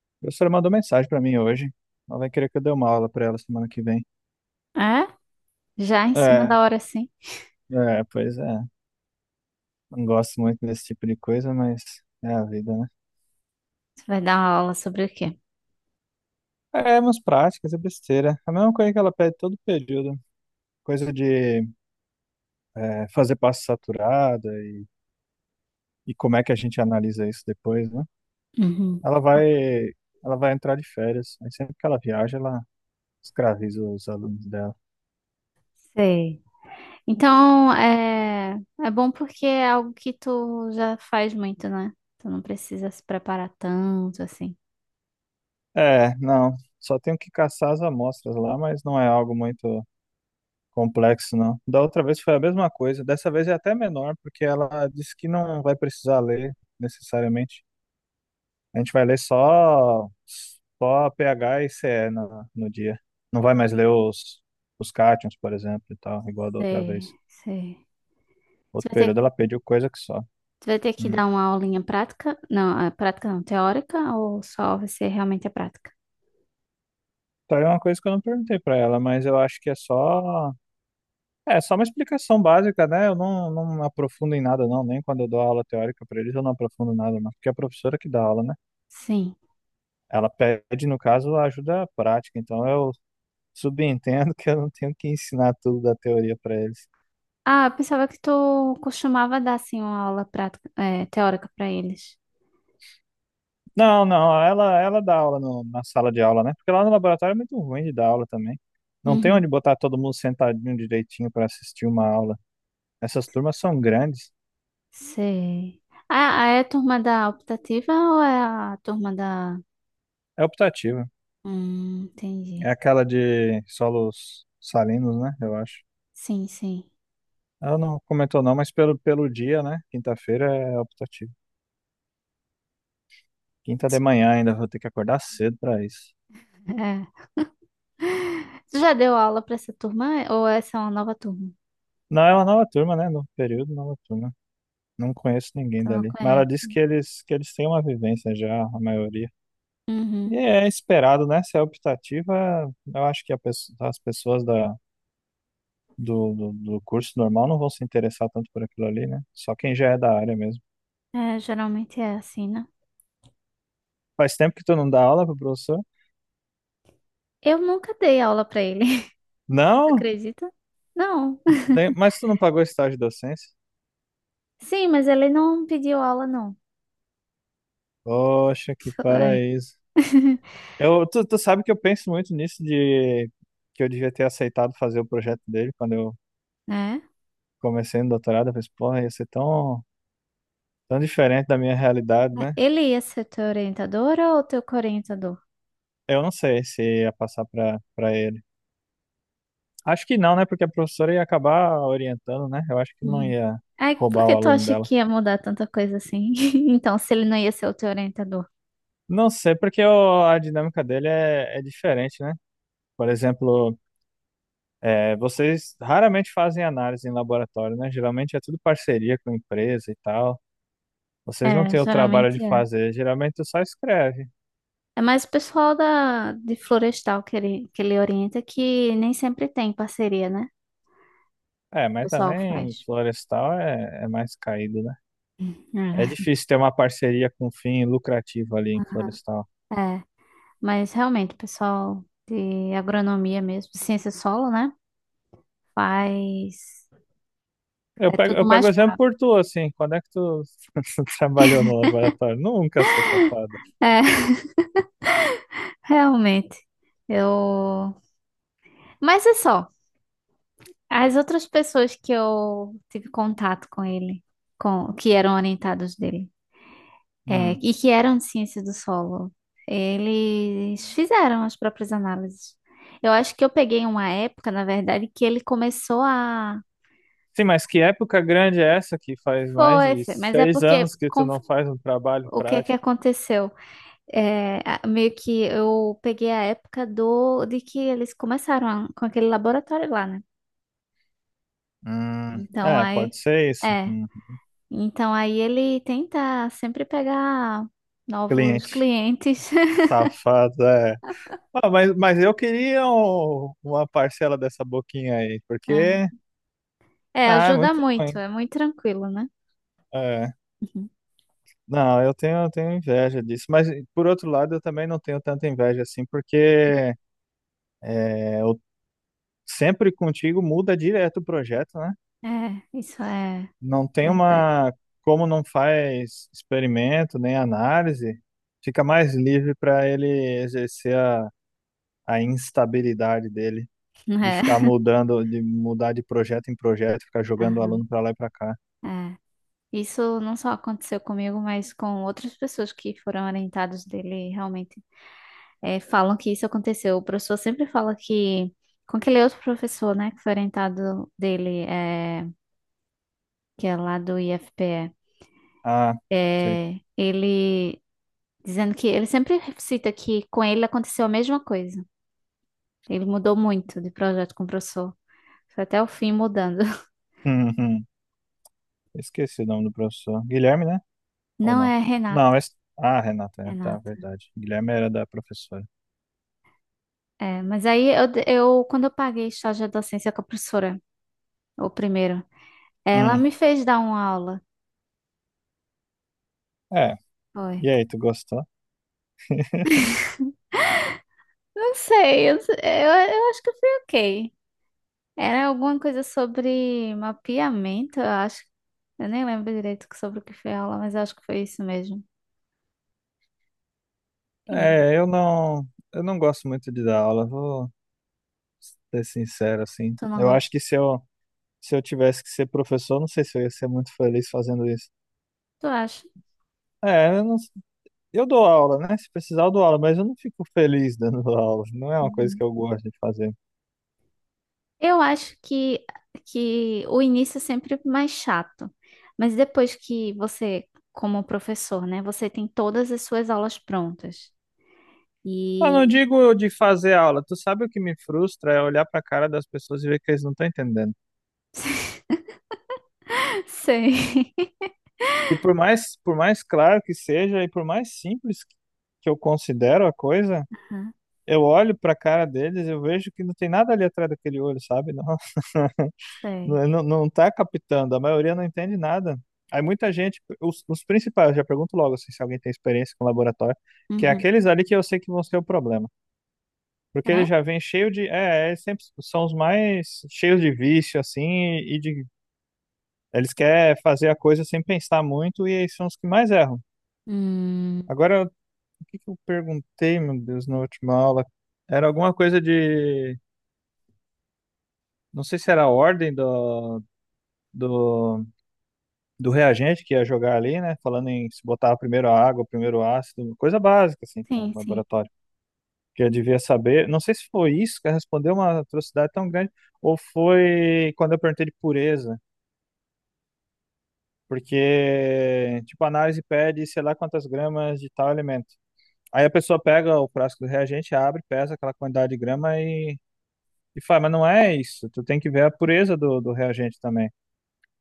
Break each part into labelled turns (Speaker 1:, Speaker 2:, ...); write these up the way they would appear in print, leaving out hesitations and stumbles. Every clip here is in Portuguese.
Speaker 1: A professora mandou mensagem pra mim hoje. Ela vai querer que eu dê uma aula pra ela semana que vem.
Speaker 2: É? Já em cima
Speaker 1: É,
Speaker 2: da hora, sim.
Speaker 1: é, pois é. Não gosto muito desse tipo de coisa, mas é a vida, né?
Speaker 2: Você vai dar uma aula sobre o quê?
Speaker 1: É, umas práticas, é besteira. É a mesma coisa que ela pede todo período. Coisa de fazer passo saturada e como é que a gente analisa isso depois, né?
Speaker 2: Uhum.
Speaker 1: Ela vai, ela vai entrar de férias. Aí sempre que ela viaja, ela escraviza os alunos dela.
Speaker 2: Sei. Então, é bom porque é algo que tu já faz muito, né? Tu não precisa se preparar tanto, assim.
Speaker 1: É, não. Só tenho que caçar as amostras lá, mas não é algo muito complexo, não. Da outra vez foi a mesma coisa. Dessa vez é até menor, porque ela disse que não vai precisar ler necessariamente. A gente vai ler só, só pH e CE no dia. Não vai mais ler os cátions, por exemplo, e tal, igual da outra
Speaker 2: Sei,
Speaker 1: vez.
Speaker 2: sei. Tu
Speaker 1: Outro
Speaker 2: vai ter,
Speaker 1: período ela pediu coisa que só.
Speaker 2: tu vai ter que
Speaker 1: Hum.
Speaker 2: dar uma aulinha prática? Não, é prática não, teórica, ou só vai ser realmente a prática?
Speaker 1: Então é uma coisa que eu não perguntei pra ela, mas eu acho que é só. É só uma explicação básica, né? Eu não, não aprofundo em nada, não. Nem quando eu dou aula teórica pra eles, eu não aprofundo nada, não. Porque é a professora que dá aula, né?
Speaker 2: Sim.
Speaker 1: Ela pede, no caso, a ajuda prática, então eu subentendo que eu não tenho que ensinar tudo da teoria para eles.
Speaker 2: Ah, eu pensava que tu costumava dar, assim, uma aula prática, é, teórica para eles.
Speaker 1: Não, não, ela dá aula na sala de aula, né? Porque lá no laboratório é muito ruim de dar aula também. Não tem onde botar todo mundo sentadinho direitinho para assistir uma aula. Essas turmas são grandes.
Speaker 2: Sei. Ah, é a turma da optativa ou é a turma da.
Speaker 1: É optativa. É
Speaker 2: Entendi.
Speaker 1: aquela de solos salinos, né? Eu acho.
Speaker 2: Sim, sim.
Speaker 1: Ela não comentou não, mas pelo dia, né? Quinta-feira é optativa. Quinta de manhã ainda vou ter que acordar cedo para isso.
Speaker 2: É. Tu já deu aula pra essa turma é? Ou essa é uma nova turma?
Speaker 1: Não, é uma nova turma, né? Novo período, nova turma. Não conheço ninguém
Speaker 2: Tu não
Speaker 1: dali. Mas ela
Speaker 2: conhece?
Speaker 1: disse que eles têm uma vivência já, a maioria.
Speaker 2: Uhum.
Speaker 1: E é esperado, né? Se é optativa, eu acho que as pessoas do curso normal não vão se interessar tanto por aquilo ali, né? Só quem já é da área mesmo.
Speaker 2: É, geralmente é assim, né?
Speaker 1: Faz tempo que tu não dá aula pro professor?
Speaker 2: Eu nunca dei aula pra ele. Tu
Speaker 1: Não?
Speaker 2: acredita? Não.
Speaker 1: Bem, mas tu não pagou estágio de docência?
Speaker 2: Sim, mas ele não pediu aula, não.
Speaker 1: Poxa, que
Speaker 2: Foi.
Speaker 1: paraíso. Eu, tu sabe que eu penso muito nisso de que eu devia ter aceitado fazer o projeto dele quando eu
Speaker 2: Né?
Speaker 1: comecei no doutorado, eu pensei, porra, ia ser tão, tão diferente da minha realidade, né?
Speaker 2: Ele ia ser teu orientador ou teu coorientador?
Speaker 1: Eu não sei se ia passar para ele. Acho que não, né? Porque a professora ia acabar orientando, né? Eu acho que não
Speaker 2: Uhum.
Speaker 1: ia
Speaker 2: Aí, por
Speaker 1: roubar o
Speaker 2: que tu
Speaker 1: aluno
Speaker 2: acha
Speaker 1: dela.
Speaker 2: que ia mudar tanta coisa assim? Então, se ele não ia ser o teu orientador.
Speaker 1: Não sei, porque a dinâmica dele é, é diferente, né? Por exemplo, vocês raramente fazem análise em laboratório, né? Geralmente é tudo parceria com empresa e tal. Vocês não
Speaker 2: É,
Speaker 1: têm o trabalho de
Speaker 2: geralmente é.
Speaker 1: fazer, geralmente só escreve.
Speaker 2: É mais o pessoal da, de Florestal que ele orienta, que nem sempre tem parceria, né? O
Speaker 1: É, mas
Speaker 2: pessoal
Speaker 1: também
Speaker 2: faz.
Speaker 1: florestal é, é mais caído, né? É
Speaker 2: É,
Speaker 1: difícil ter uma parceria com fim lucrativo ali em Florestal.
Speaker 2: É, mas realmente, o pessoal de agronomia mesmo, ciência solo, né? Faz. É tudo
Speaker 1: Eu pego
Speaker 2: mais.
Speaker 1: exemplo por tu, assim. Quando é que tu, trabalhou no laboratório? Nunca, sou safada.
Speaker 2: É, realmente. Eu. Mas é só. As outras pessoas que eu tive contato com ele, com que eram orientados dele, é,
Speaker 1: Hum.
Speaker 2: e que eram de ciência do solo, eles fizeram as próprias análises. Eu acho que eu peguei uma época, na verdade, que ele começou a.
Speaker 1: Sim, mas que época grande é essa que faz mais
Speaker 2: Foi,
Speaker 1: de
Speaker 2: foi, mas é
Speaker 1: seis
Speaker 2: porque
Speaker 1: anos que tu
Speaker 2: com-
Speaker 1: não faz um trabalho
Speaker 2: o que que
Speaker 1: prático?
Speaker 2: aconteceu? É, a- meio que eu peguei a época do de que eles começaram a- com aquele laboratório lá, né?
Speaker 1: Hum.
Speaker 2: Então
Speaker 1: É,
Speaker 2: aí.
Speaker 1: pode ser isso.
Speaker 2: É.
Speaker 1: Hum.
Speaker 2: Então aí ele tenta sempre pegar novos
Speaker 1: Cliente
Speaker 2: clientes.
Speaker 1: safado, é. Ah, mas eu queria uma parcela dessa boquinha aí, porque...
Speaker 2: É, É,
Speaker 1: Ah, é
Speaker 2: ajuda
Speaker 1: muito
Speaker 2: muito,
Speaker 1: ruim.
Speaker 2: é muito tranquilo, né?
Speaker 1: É.
Speaker 2: Uhum.
Speaker 1: Não, eu tenho inveja disso, mas por outro lado eu também não tenho tanta inveja assim, porque é, eu sempre contigo muda direto o projeto, né?
Speaker 2: É, isso é
Speaker 1: Não tem
Speaker 2: verdade.
Speaker 1: uma, como não faz experimento nem análise, fica mais livre para ele exercer a instabilidade dele, de ficar
Speaker 2: É.
Speaker 1: mudando, de mudar de projeto em projeto, ficar jogando o
Speaker 2: Aham,
Speaker 1: aluno para lá e para cá.
Speaker 2: é. Isso não só aconteceu comigo, mas com outras pessoas que foram orientadas dele, realmente é, falam que isso aconteceu. O professor sempre fala que, com aquele outro professor, né, que foi orientado dele, é, que é lá do
Speaker 1: Ah,
Speaker 2: IFPE,
Speaker 1: sei.
Speaker 2: é, ele dizendo que ele sempre cita que com ele aconteceu a mesma coisa. Ele mudou muito de projeto com o professor. Foi até o fim mudando.
Speaker 1: Uhum. Esqueci o nome do professor. Guilherme, né? Ou
Speaker 2: Não
Speaker 1: não?
Speaker 2: é
Speaker 1: Não,
Speaker 2: Renato,
Speaker 1: esse... Ah, Renata, é, tá,
Speaker 2: Renato.
Speaker 1: verdade. Guilherme era da professora.
Speaker 2: É, mas aí eu quando eu paguei estágio de docência com a professora, o primeiro, ela
Speaker 1: Hum,
Speaker 2: me fez dar uma aula.
Speaker 1: é.
Speaker 2: Foi.
Speaker 1: E aí, tu gostou?
Speaker 2: Não sei, eu acho que foi ok. Era alguma coisa sobre mapeamento, eu acho. Eu nem lembro direito sobre o que foi a aula, mas eu acho que foi isso mesmo. E
Speaker 1: É, eu não gosto muito de dar aula, vou ser sincero, assim.
Speaker 2: tu não
Speaker 1: Eu acho
Speaker 2: gosta?
Speaker 1: que se eu tivesse que ser professor, não sei se eu ia ser muito feliz fazendo isso.
Speaker 2: Tu acha?
Speaker 1: É, eu não, eu dou aula, né? Se precisar, eu dou aula, mas eu não fico feliz dando aula. Não é uma coisa
Speaker 2: Uhum.
Speaker 1: que eu gosto de fazer.
Speaker 2: Eu acho que o início é sempre mais chato, mas depois que você, como professor, né, você tem todas as suas aulas prontas.
Speaker 1: Eu não
Speaker 2: E.
Speaker 1: digo de fazer aula. Tu sabe o que me frustra é olhar pra cara das pessoas e ver que eles não estão entendendo.
Speaker 2: Sei.
Speaker 1: Que por mais claro que seja e por mais simples que eu considero a coisa,
Speaker 2: Aham.
Speaker 1: eu olho pra cara deles e eu vejo que não tem nada ali atrás daquele olho, sabe? Não,
Speaker 2: Sei.
Speaker 1: não tá captando, a maioria não entende nada. Aí muita gente, os principais, eu já pergunto logo assim, se alguém tem experiência com laboratório, que é
Speaker 2: Uhum.
Speaker 1: aqueles ali que eu sei que vão ser o problema. Porque eles
Speaker 2: É?
Speaker 1: já vêm cheio de, eles sempre são os mais cheios de vício, assim, e de, eles querem fazer a coisa sem pensar muito e eles são os que mais erram.
Speaker 2: Hum.
Speaker 1: Agora, o que que eu perguntei, meu Deus, na última aula? Era alguma coisa de. Não sei se era a ordem do, do reagente que ia jogar ali, né? Falando em se botar primeiro a água, primeiro o ácido, coisa básica, assim, para
Speaker 2: Sim, sim.
Speaker 1: laboratório. Que eu devia saber. Não sei se foi isso que respondeu uma atrocidade tão grande, ou foi quando eu perguntei de pureza. Porque, tipo, a análise pede sei lá quantas gramas de tal elemento. Aí a pessoa pega o frasco do reagente, abre, pesa aquela quantidade de grama e fala, mas não é isso. Tu tem que ver a pureza do reagente também.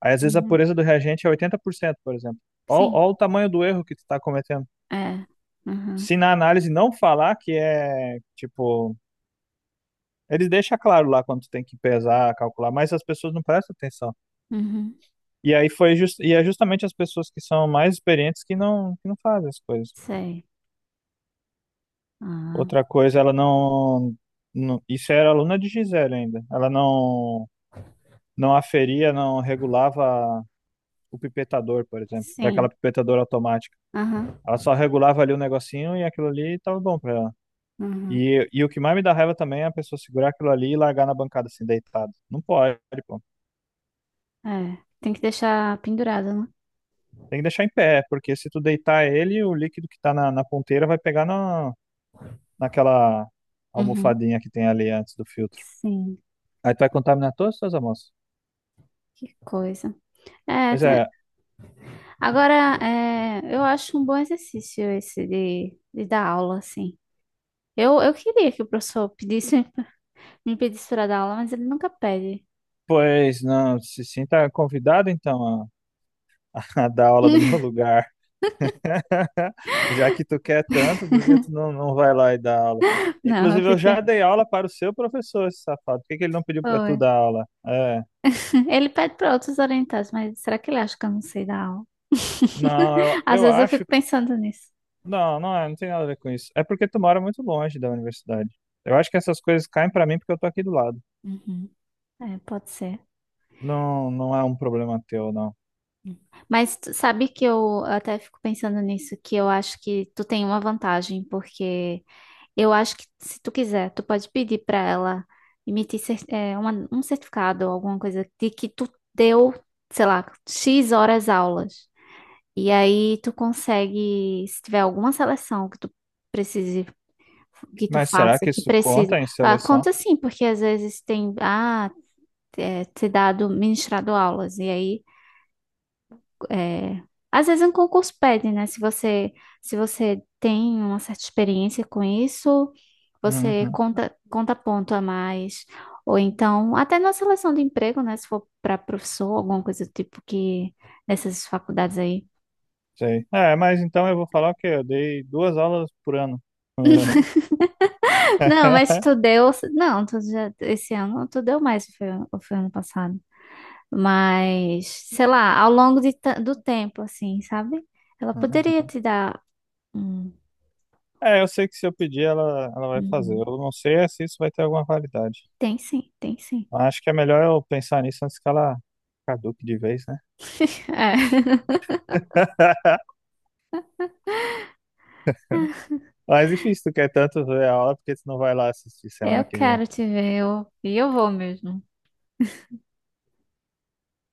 Speaker 1: Aí, às vezes, a
Speaker 2: Uhum.
Speaker 1: pureza do reagente é 80%, por exemplo.
Speaker 2: Sim.
Speaker 1: Olha o tamanho do erro que tu tá cometendo.
Speaker 2: É. Uhum.
Speaker 1: Se na análise não falar que é, tipo... Ele deixa claro lá quando tu tem que pesar, calcular, mas as pessoas não prestam atenção.
Speaker 2: Uhum.
Speaker 1: E aí foi just, e é justamente as pessoas que são mais experientes que não fazem as coisas.
Speaker 2: Sei. Ah.
Speaker 1: Outra coisa, ela não, não... Isso era aluna de Gisele ainda. Ela não, não aferia, não regulava o pipetador, por exemplo, com aquela
Speaker 2: Sim.
Speaker 1: pipetadora automática.
Speaker 2: Aham.
Speaker 1: Ela só regulava ali o negocinho e aquilo ali tava bom pra ela.
Speaker 2: Uhum.
Speaker 1: E o que mais me dá raiva também é a pessoa segurar aquilo ali e largar na bancada assim, deitado. Não pode, pô.
Speaker 2: É. Tem que deixar pendurado, né?
Speaker 1: Tem que deixar em pé, porque se tu deitar ele, o líquido que tá na ponteira vai pegar na, naquela
Speaker 2: Uhum.
Speaker 1: almofadinha que tem ali antes do filtro.
Speaker 2: Sim.
Speaker 1: Aí tu vai contaminar todas as tuas amostras.
Speaker 2: Que coisa. É,
Speaker 1: Pois
Speaker 2: te-
Speaker 1: é,
Speaker 2: Agora, é, eu acho um bom exercício esse de dar aula, assim. Eu queria que o professor pedisse, me pedisse para dar aula, mas ele nunca pede.
Speaker 1: pois não, se sinta convidado então a, a dar aula do meu lugar. Já que tu quer tanto, por que tu não vai lá e dá aula?
Speaker 2: Não,
Speaker 1: Inclusive, eu já
Speaker 2: porque...
Speaker 1: dei aula para o seu professor, esse safado. Por que que ele não pediu para tu
Speaker 2: Oi.
Speaker 1: dar aula? É.
Speaker 2: Ele pede para outros orientados, mas será que ele acha que eu não sei dar aula?
Speaker 1: Não,
Speaker 2: Às
Speaker 1: eu
Speaker 2: vezes eu fico
Speaker 1: acho.
Speaker 2: pensando nisso.
Speaker 1: Não, não é, não tem nada a ver com isso. É porque tu mora muito longe da universidade. Eu acho que essas coisas caem para mim porque eu tô aqui do lado.
Speaker 2: Uhum. É, pode ser.
Speaker 1: Não, não é um problema teu, não.
Speaker 2: Mas tu sabe que eu até fico pensando nisso, que eu acho que tu tem uma vantagem, porque eu acho que se tu quiser, tu pode pedir para ela emitir cer- é, uma- um certificado ou alguma coisa de que tu deu, sei lá, X horas aulas. E aí tu consegue, se tiver alguma seleção que tu precise, que tu
Speaker 1: Mas será
Speaker 2: faça,
Speaker 1: que
Speaker 2: que
Speaker 1: isso
Speaker 2: precisa.
Speaker 1: conta em
Speaker 2: Ah,
Speaker 1: seleção?
Speaker 2: conta sim, porque às vezes tem, ah, é, ter dado, ministrado aulas. E aí é, às vezes um concurso pede, né? Se você tem uma certa experiência com isso, você
Speaker 1: Uhum,
Speaker 2: conta, conta ponto a mais. Ou então, até na seleção de emprego, né? Se for para professor, alguma coisa do tipo que nessas faculdades aí.
Speaker 1: sei. É, mas então eu vou falar que eu dei 2 aulas por ano.
Speaker 2: Não, mas tu deu. Não, tu já, esse ano tu deu mais, ou foi ano passado. Mas, sei lá, ao longo de ta- do tempo, assim, sabe? Ela poderia
Speaker 1: Uhum.
Speaker 2: te dar. Um-
Speaker 1: É, eu sei que se eu pedir, ela vai fazer.
Speaker 2: Uhum.
Speaker 1: Eu não sei é se isso vai ter alguma validade.
Speaker 2: Tem sim, tem sim.
Speaker 1: Acho que é melhor eu pensar nisso antes que ela caduque de vez, né? Mas enfim, se tu quer tanto ver a aula, por que tu não vai lá assistir
Speaker 2: É. Eu
Speaker 1: semana que vem?
Speaker 2: quero te ver, eu, e eu vou mesmo.